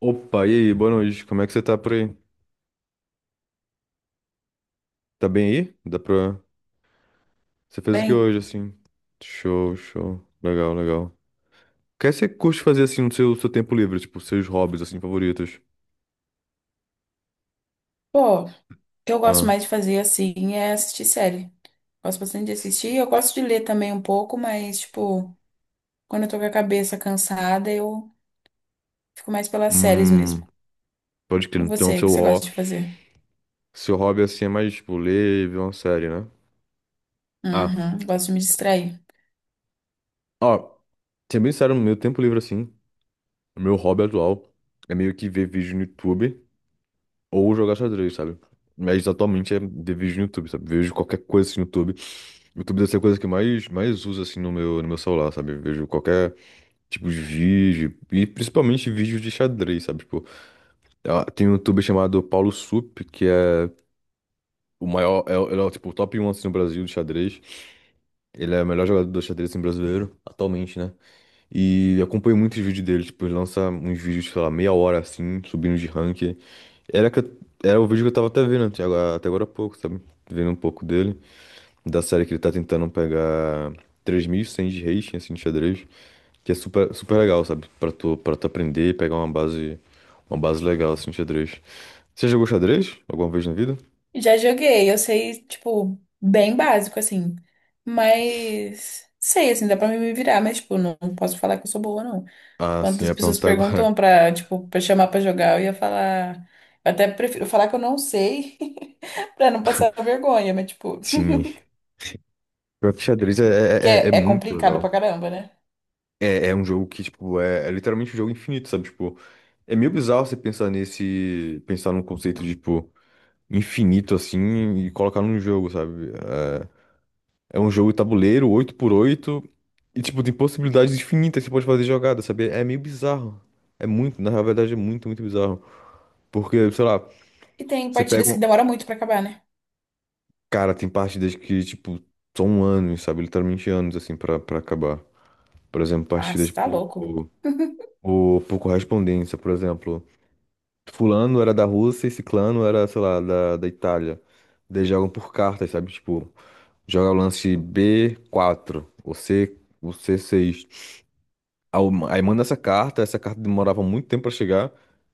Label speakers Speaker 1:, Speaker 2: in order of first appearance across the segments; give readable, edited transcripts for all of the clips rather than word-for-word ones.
Speaker 1: Opa, e aí, boa noite. Como é que você tá por aí? Tá bem aí? Dá pra. Você fez o que
Speaker 2: Bem,
Speaker 1: hoje, assim? Show, show. Legal, legal. O que é que você curte fazer, assim, no seu tempo livre? Tipo, seus hobbies, assim, favoritos?
Speaker 2: pô, o que eu gosto
Speaker 1: Ah.
Speaker 2: mais de fazer assim é assistir série. Gosto bastante de assistir. Eu gosto de ler também um pouco, mas, tipo, quando eu tô com a cabeça cansada, eu fico mais pelas séries
Speaker 1: Hum.
Speaker 2: mesmo.
Speaker 1: Pode
Speaker 2: E
Speaker 1: crer. Então,
Speaker 2: você, o que
Speaker 1: seu,
Speaker 2: você gosta
Speaker 1: ho...
Speaker 2: de fazer?
Speaker 1: seu hobby, assim, é mais, tipo, ler e ver uma série, né? Ah.
Speaker 2: Uhum, gosto de me distrair.
Speaker 1: Ó, ser bem sério, no meu tempo livre, assim, o meu hobby atual é meio que ver vídeo no YouTube ou jogar xadrez, sabe? Mas atualmente é ver vídeo no YouTube, sabe? Vejo qualquer coisa assim, no YouTube. O YouTube deve ser a coisa que eu mais uso assim no meu celular, sabe? Eu vejo qualquer tipo de vídeo, e principalmente vídeos de xadrez, sabe? Tipo, ah, tem um youtuber chamado Paulo Sup, que é o maior, ele é o, tipo, o top um assim, no Brasil de xadrez. Ele é o melhor jogador do xadrez assim, brasileiro, atualmente, né? E eu acompanho muitos vídeos dele, tipo, ele lança uns vídeos, sei lá, meia hora assim, subindo de ranking. Era, que eu- era o vídeo que eu tava até vendo até agora há pouco, sabe? Vendo um pouco dele, da série que ele tá tentando pegar 3.100 de rating, assim, de xadrez, que é super, super legal, sabe? Pra tu aprender e pegar uma base legal, assim, de xadrez. Você jogou xadrez alguma vez na vida?
Speaker 2: Já joguei, eu sei, tipo, bem básico, assim. Mas sei, assim, dá pra me virar, mas, tipo, não posso falar que eu sou boa, não.
Speaker 1: Ah,
Speaker 2: Quando
Speaker 1: sim, eu
Speaker 2: as
Speaker 1: ia
Speaker 2: pessoas
Speaker 1: perguntar agora.
Speaker 2: perguntam pra, tipo, pra chamar pra jogar, eu ia falar. Eu até prefiro falar que eu não sei, pra não passar vergonha, mas, tipo,
Speaker 1: Sim. Pior que xadrez é, é,
Speaker 2: porque
Speaker 1: é é
Speaker 2: é, é
Speaker 1: muito
Speaker 2: complicado
Speaker 1: legal.
Speaker 2: pra caramba, né?
Speaker 1: É um jogo que, tipo, é literalmente um jogo infinito, sabe? Tipo, é meio bizarro você pensar num conceito de, tipo, infinito, assim, e colocar num jogo, sabe? É um jogo tabuleiro, oito por oito e tipo, tem possibilidades infinitas que você pode fazer jogada, sabe? É meio bizarro. Na verdade é muito, muito bizarro. Porque, sei lá,
Speaker 2: E tem
Speaker 1: você pega
Speaker 2: partidas
Speaker 1: um.
Speaker 2: que demoram muito pra acabar, né?
Speaker 1: Cara, tem partidas que, tipo, são anos, sabe? Literalmente anos, assim, pra acabar. Por exemplo,
Speaker 2: Ah,
Speaker 1: partidas
Speaker 2: você tá louco.
Speaker 1: por, por, por correspondência, por exemplo. Fulano era da Rússia e Ciclano era, sei lá, da Itália. Eles jogam por cartas, sabe? Tipo, joga o lance B4, ou C6. Aí manda essa carta. Essa carta demorava muito tempo pra chegar.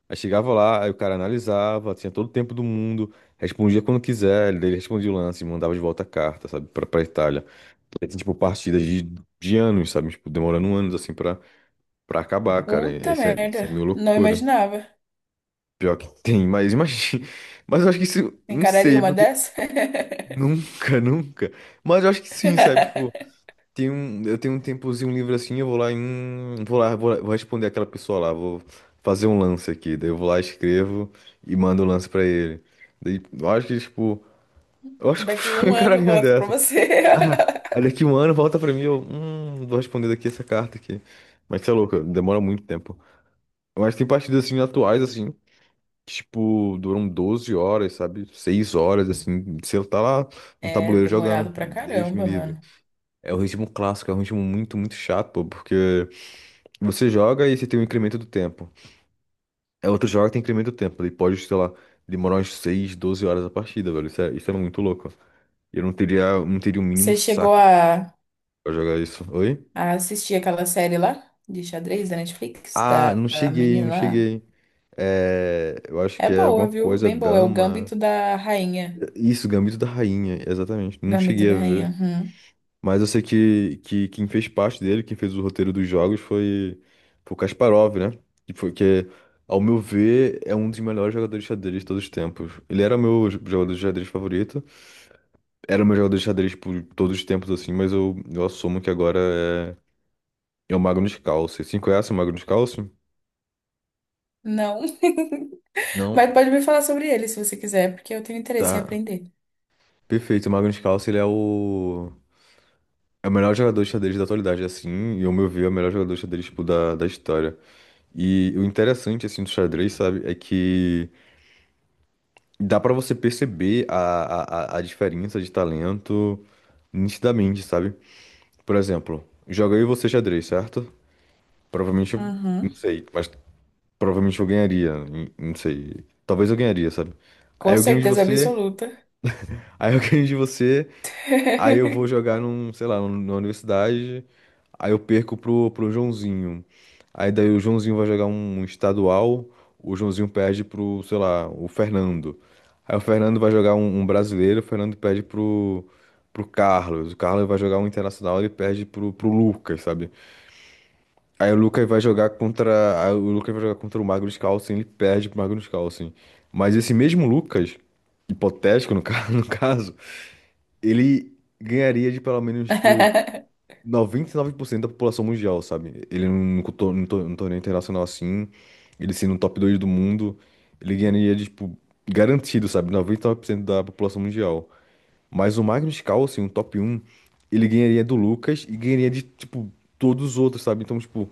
Speaker 1: Aí chegava lá, aí o cara analisava, tinha todo o tempo do mundo, respondia quando quiser, ele respondia o lance, mandava de volta a carta, sabe, pra Itália. Aí tem, tipo, partidas de anos, sabe, tipo, demorando anos, assim, pra acabar, cara. E
Speaker 2: Puta
Speaker 1: isso é
Speaker 2: merda.
Speaker 1: meio
Speaker 2: Não
Speaker 1: loucura.
Speaker 2: imaginava.
Speaker 1: Pior que tem, mas imagina. Mas eu acho que isso, não sei,
Speaker 2: Encararia
Speaker 1: é
Speaker 2: uma
Speaker 1: porque
Speaker 2: dessa?
Speaker 1: nunca, nunca. Mas eu acho que sim, sabe, tipo, eu tenho um tempozinho livre assim, eu vou lá em. Um, vou responder aquela pessoa lá, vou fazer um lance aqui. Daí eu vou lá, escrevo e mando o lance pra ele. Daí eu acho que, tipo, eu acho que
Speaker 2: Daqui
Speaker 1: foi
Speaker 2: um
Speaker 1: um
Speaker 2: ano eu
Speaker 1: caralhinho
Speaker 2: volto pra
Speaker 1: dessa.
Speaker 2: você.
Speaker 1: Ah, aí daqui um ano volta pra mim, eu. Vou responder daqui essa carta aqui. Mas você é louco, demora muito tempo. Mas tem partidas assim atuais, assim, que, tipo, duram 12 horas, sabe? 6 horas, assim. Você tá lá no
Speaker 2: É
Speaker 1: tabuleiro
Speaker 2: demorado
Speaker 1: jogando.
Speaker 2: pra
Speaker 1: Deus me
Speaker 2: caramba,
Speaker 1: livre.
Speaker 2: mano.
Speaker 1: É o ritmo clássico, é um ritmo muito, muito chato, pô, porque você joga e você tem um incremento do tempo. É outro joga e tem incremento do tempo. Ele pode, sei lá, demorar umas 6, 12 horas a partida, velho. Isso é muito louco. Eu não teria, não teria o mínimo
Speaker 2: Você chegou
Speaker 1: saco
Speaker 2: a
Speaker 1: pra jogar isso. Oi?
Speaker 2: a assistir aquela série lá de xadrez da Netflix,
Speaker 1: Ah,
Speaker 2: da
Speaker 1: não
Speaker 2: da
Speaker 1: cheguei, não
Speaker 2: menina lá.
Speaker 1: cheguei. É, eu acho
Speaker 2: É
Speaker 1: que é alguma
Speaker 2: boa, viu?
Speaker 1: coisa,
Speaker 2: Bem boa. É o
Speaker 1: dama.
Speaker 2: Gambito da Rainha.
Speaker 1: Isso, Gambito da Rainha, exatamente. Não
Speaker 2: Gambito
Speaker 1: cheguei a
Speaker 2: da Rainha.
Speaker 1: ver.
Speaker 2: Uhum.
Speaker 1: Mas eu sei que, quem fez parte dele, quem fez o roteiro dos jogos foi o Kasparov, né? Que foi que, ao meu ver, é um dos melhores jogadores de xadrez de todos os tempos. Ele era o meu jogador de xadrez favorito. Era o meu jogador de xadrez por todos os tempos, assim, mas eu assumo que agora é o Magnus Carlsen. Você conhece o Magnus Carlsen?
Speaker 2: Não.
Speaker 1: Não.
Speaker 2: Mas pode me falar sobre ele se você quiser, porque eu tenho interesse em
Speaker 1: Tá.
Speaker 2: aprender.
Speaker 1: Perfeito. O Magnus Carlsen, ele é o... É o melhor jogador de xadrez da atualidade, assim, e ao meu ver, é o melhor jogador de xadrez, tipo, da história. E o interessante, assim, do xadrez, sabe, é que dá pra você perceber a diferença de talento nitidamente, sabe? Por exemplo, joga eu e você xadrez, certo? Provavelmente, eu não
Speaker 2: Uhum.
Speaker 1: sei, mas provavelmente eu ganharia, não sei. Talvez eu ganharia, sabe? Aí
Speaker 2: Com
Speaker 1: eu ganho de
Speaker 2: certeza
Speaker 1: você,
Speaker 2: absoluta.
Speaker 1: aí eu ganho de você. Aí eu vou jogar num, sei lá, na universidade. Aí eu perco pro Joãozinho. Aí daí o Joãozinho vai jogar um estadual. O Joãozinho perde pro, sei lá, o Fernando. Aí o Fernando vai jogar um brasileiro. O Fernando perde pro Carlos. O Carlos vai jogar um internacional. Ele perde pro Lucas, sabe? Aí o Lucas vai jogar contra o Magnus Carlsen. Ele perde pro Magnus Carlsen. Mas esse mesmo Lucas, hipotético no caso, ele ganharia de pelo menos, tipo 99% da população mundial, sabe? Ele num torneio internacional assim, ele sendo o top 2 do mundo, ele ganharia, de, tipo, garantido, sabe? 99% da população mundial. Mas o Magnus Carlsen, o top um, ele ganharia do Lucas e ganharia de, tipo, todos os outros, sabe? Então, tipo,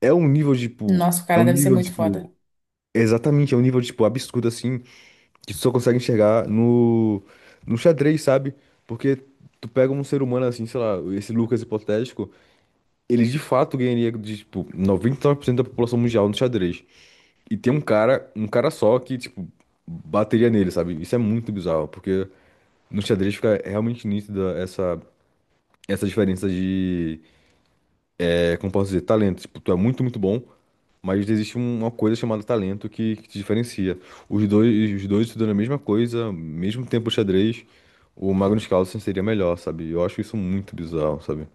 Speaker 1: é um nível, tipo,
Speaker 2: Nossa, o
Speaker 1: é um
Speaker 2: cara deve ser
Speaker 1: nível,
Speaker 2: muito
Speaker 1: tipo,
Speaker 2: foda.
Speaker 1: exatamente, é um nível, tipo, absurdo assim, que tu só consegue enxergar no, xadrez, sabe? Porque tu pega um ser humano assim, sei lá, esse Lucas hipotético. Ele de fato ganharia de, tipo, 99% da população mundial no xadrez. E tem um cara só que, tipo, bateria nele, sabe? Isso é muito bizarro, porque no xadrez fica realmente nítida essa diferença de, como posso dizer, talento. Tipo, tu é muito, muito bom, mas existe uma coisa chamada talento que te diferencia. Os dois estudando a mesma coisa, mesmo tempo de xadrez, o Magnus Carlsen seria melhor, sabe? Eu acho isso muito bizarro, sabe?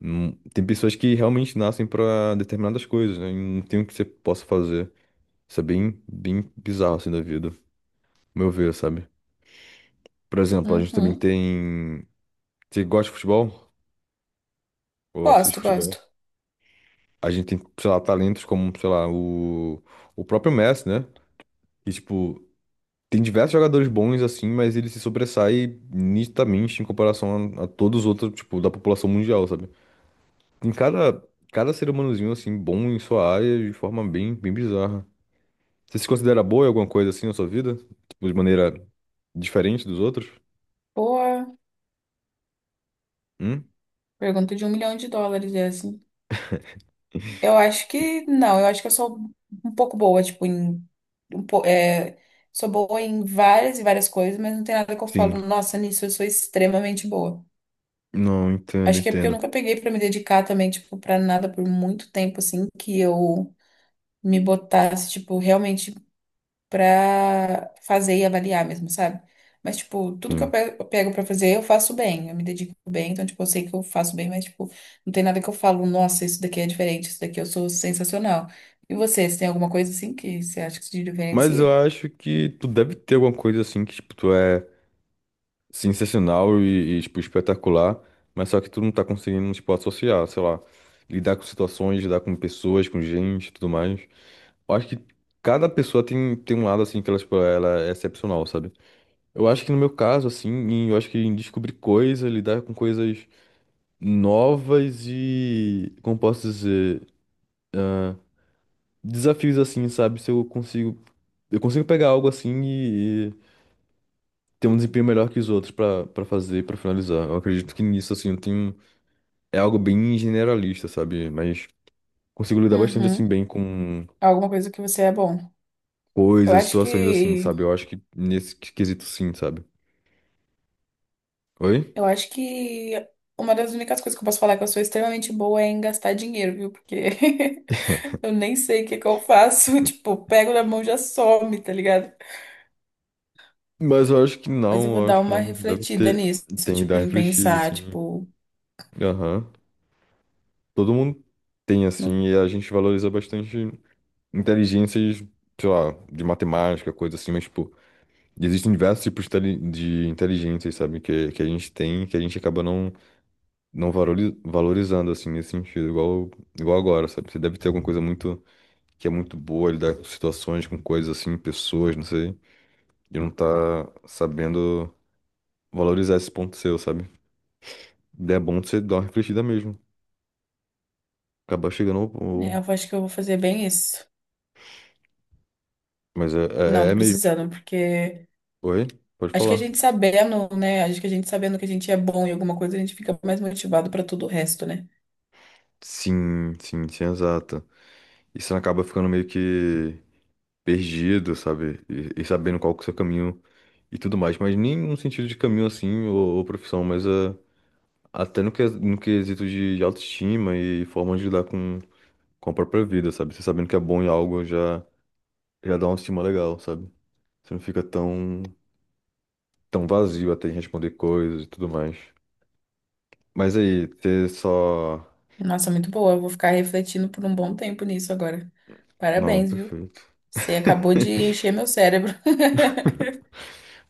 Speaker 1: Tem pessoas que realmente nascem pra determinadas coisas, né? E não tem o que você possa fazer. Isso é bem, bem bizarro assim da vida, ao meu ver, sabe? Por exemplo, a gente também
Speaker 2: Uhum.
Speaker 1: tem. Você gosta de futebol? Ou assiste
Speaker 2: Gosto,
Speaker 1: futebol?
Speaker 2: gosto.
Speaker 1: A gente tem, sei lá, talentos como, sei lá, o, próprio Messi, né? Que, tipo, tem diversos jogadores bons assim, mas ele se sobressai nitidamente em comparação a todos os outros, tipo, da população mundial, sabe? Tem cada ser humanozinho, assim, bom em sua área de forma bem, bem bizarra. Você se considera boa em alguma coisa assim na sua vida? Tipo, de maneira diferente dos outros?
Speaker 2: Boa.
Speaker 1: Hum?
Speaker 2: Pergunta de US$ 1 milhão, é assim. Eu acho que não, eu acho que eu sou um pouco boa, tipo, em, um po- é, sou boa em várias e várias coisas, mas não tem nada que eu
Speaker 1: Sim.
Speaker 2: falo, nossa, nisso eu sou extremamente boa.
Speaker 1: Não, entendo,
Speaker 2: Acho que é porque eu
Speaker 1: entendo.
Speaker 2: nunca peguei pra me dedicar também, tipo, pra nada por muito tempo, assim, que eu me botasse, tipo, realmente pra fazer e avaliar mesmo, sabe? Mas, tipo, tudo que
Speaker 1: Sim.
Speaker 2: eu pego pra fazer, eu faço bem, eu me dedico bem, então, tipo, eu sei que eu faço bem, mas, tipo, não tem nada que eu falo, nossa, isso daqui é diferente, isso daqui eu sou sensacional. E você, você tem alguma coisa assim que você acha que se
Speaker 1: Mas
Speaker 2: diferencia?
Speaker 1: eu acho que tu deve ter alguma coisa assim que, tipo, tu é sensacional e, tipo, espetacular, mas só que tu não tá conseguindo, tipo, associar, sei lá, lidar com situações, lidar com pessoas, com gente e tudo mais. Eu acho que cada pessoa tem um lado, assim, que ela, tipo, ela é excepcional, sabe? Eu acho que no meu caso, assim, eu acho que em descobrir coisas, lidar com coisas novas e, como posso dizer, desafios assim, sabe? Se eu consigo, eu consigo pegar algo assim e ter um desempenho melhor que os outros pra para fazer, pra finalizar. Eu acredito que nisso assim, eu tenho é algo bem generalista, sabe? Mas consigo lidar bastante assim
Speaker 2: Uhum.
Speaker 1: bem com
Speaker 2: Alguma coisa que você é bom. Eu
Speaker 1: coisas,
Speaker 2: acho
Speaker 1: situações assim,
Speaker 2: que,
Speaker 1: sabe? Eu acho que nesse quesito sim, sabe? Oi?
Speaker 2: eu acho que uma das únicas coisas que eu posso falar que eu sou extremamente boa é em gastar dinheiro, viu? Porque eu nem sei o que que eu faço, tipo, pego na mão e já some, tá ligado?
Speaker 1: Mas eu acho que
Speaker 2: Mas eu
Speaker 1: não,
Speaker 2: vou
Speaker 1: eu
Speaker 2: dar
Speaker 1: acho que
Speaker 2: uma
Speaker 1: não deve
Speaker 2: refletida
Speaker 1: ter
Speaker 2: nisso,
Speaker 1: tem que
Speaker 2: tipo,
Speaker 1: dar
Speaker 2: em
Speaker 1: refletida
Speaker 2: pensar,
Speaker 1: assim.
Speaker 2: tipo,
Speaker 1: Aham. Todo mundo tem
Speaker 2: no...
Speaker 1: assim e a gente valoriza bastante inteligências, sei lá, de matemática, coisa assim, mas, tipo, existem diversos tipos de de inteligências, sabe, que, a gente tem, que a gente acaba não valorizando, assim, nesse sentido, igual agora, sabe? Você deve ter alguma coisa que é muito boa, lidar com situações, com coisas assim, pessoas, não sei, e não tá sabendo valorizar esse ponto seu, sabe? Daí é bom você dar uma refletida mesmo, acabar chegando ao...
Speaker 2: É, eu
Speaker 1: ao-
Speaker 2: acho que eu vou fazer bem isso.
Speaker 1: Mas
Speaker 2: Não,
Speaker 1: é
Speaker 2: tô
Speaker 1: mesmo.
Speaker 2: precisando, porque
Speaker 1: Oi? Pode
Speaker 2: acho que a
Speaker 1: falar.
Speaker 2: gente sabendo, né? Acho que a gente sabendo que a gente é bom em alguma coisa, a gente fica mais motivado pra tudo o resto, né?
Speaker 1: Sim, sim, sim, exato. E você acaba ficando meio que perdido, sabe? E sabendo qual que é o seu caminho e tudo mais. Mas nem no sentido de caminho assim ou profissão, mas é, até no quesito de, autoestima e forma de lidar com a própria vida, sabe? Você sabendo que é bom em algo já dá uma estima legal, sabe? Você não fica tão, vazio até em responder coisas e tudo mais. Mas aí, ter só.
Speaker 2: Nossa, muito boa. Eu vou ficar refletindo por um bom tempo nisso agora.
Speaker 1: Não,
Speaker 2: Parabéns, viu?
Speaker 1: perfeito.
Speaker 2: Você acabou de encher meu cérebro.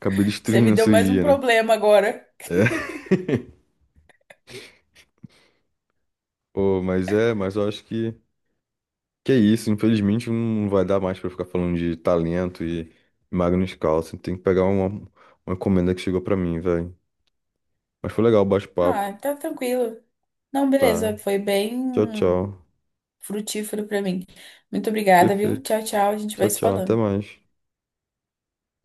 Speaker 1: Acabei
Speaker 2: Você me
Speaker 1: destruindo o
Speaker 2: deu
Speaker 1: seu
Speaker 2: mais um
Speaker 1: dia, né?
Speaker 2: problema agora.
Speaker 1: É. Pô, mas eu acho que. Que é isso, infelizmente não vai dar mais pra ficar falando de talento e Magnus Carlsen. Tem que pegar uma encomenda que chegou pra mim, velho. Mas foi legal o bate-papo,
Speaker 2: Ah, tá tranquilo. Não, beleza,
Speaker 1: tá?
Speaker 2: foi
Speaker 1: Tchau,
Speaker 2: bem
Speaker 1: tchau.
Speaker 2: frutífero pra mim. Muito obrigada, viu?
Speaker 1: Perfeito.
Speaker 2: Tchau, tchau. A gente vai
Speaker 1: Tchau,
Speaker 2: se
Speaker 1: tchau. Até
Speaker 2: falando.
Speaker 1: mais.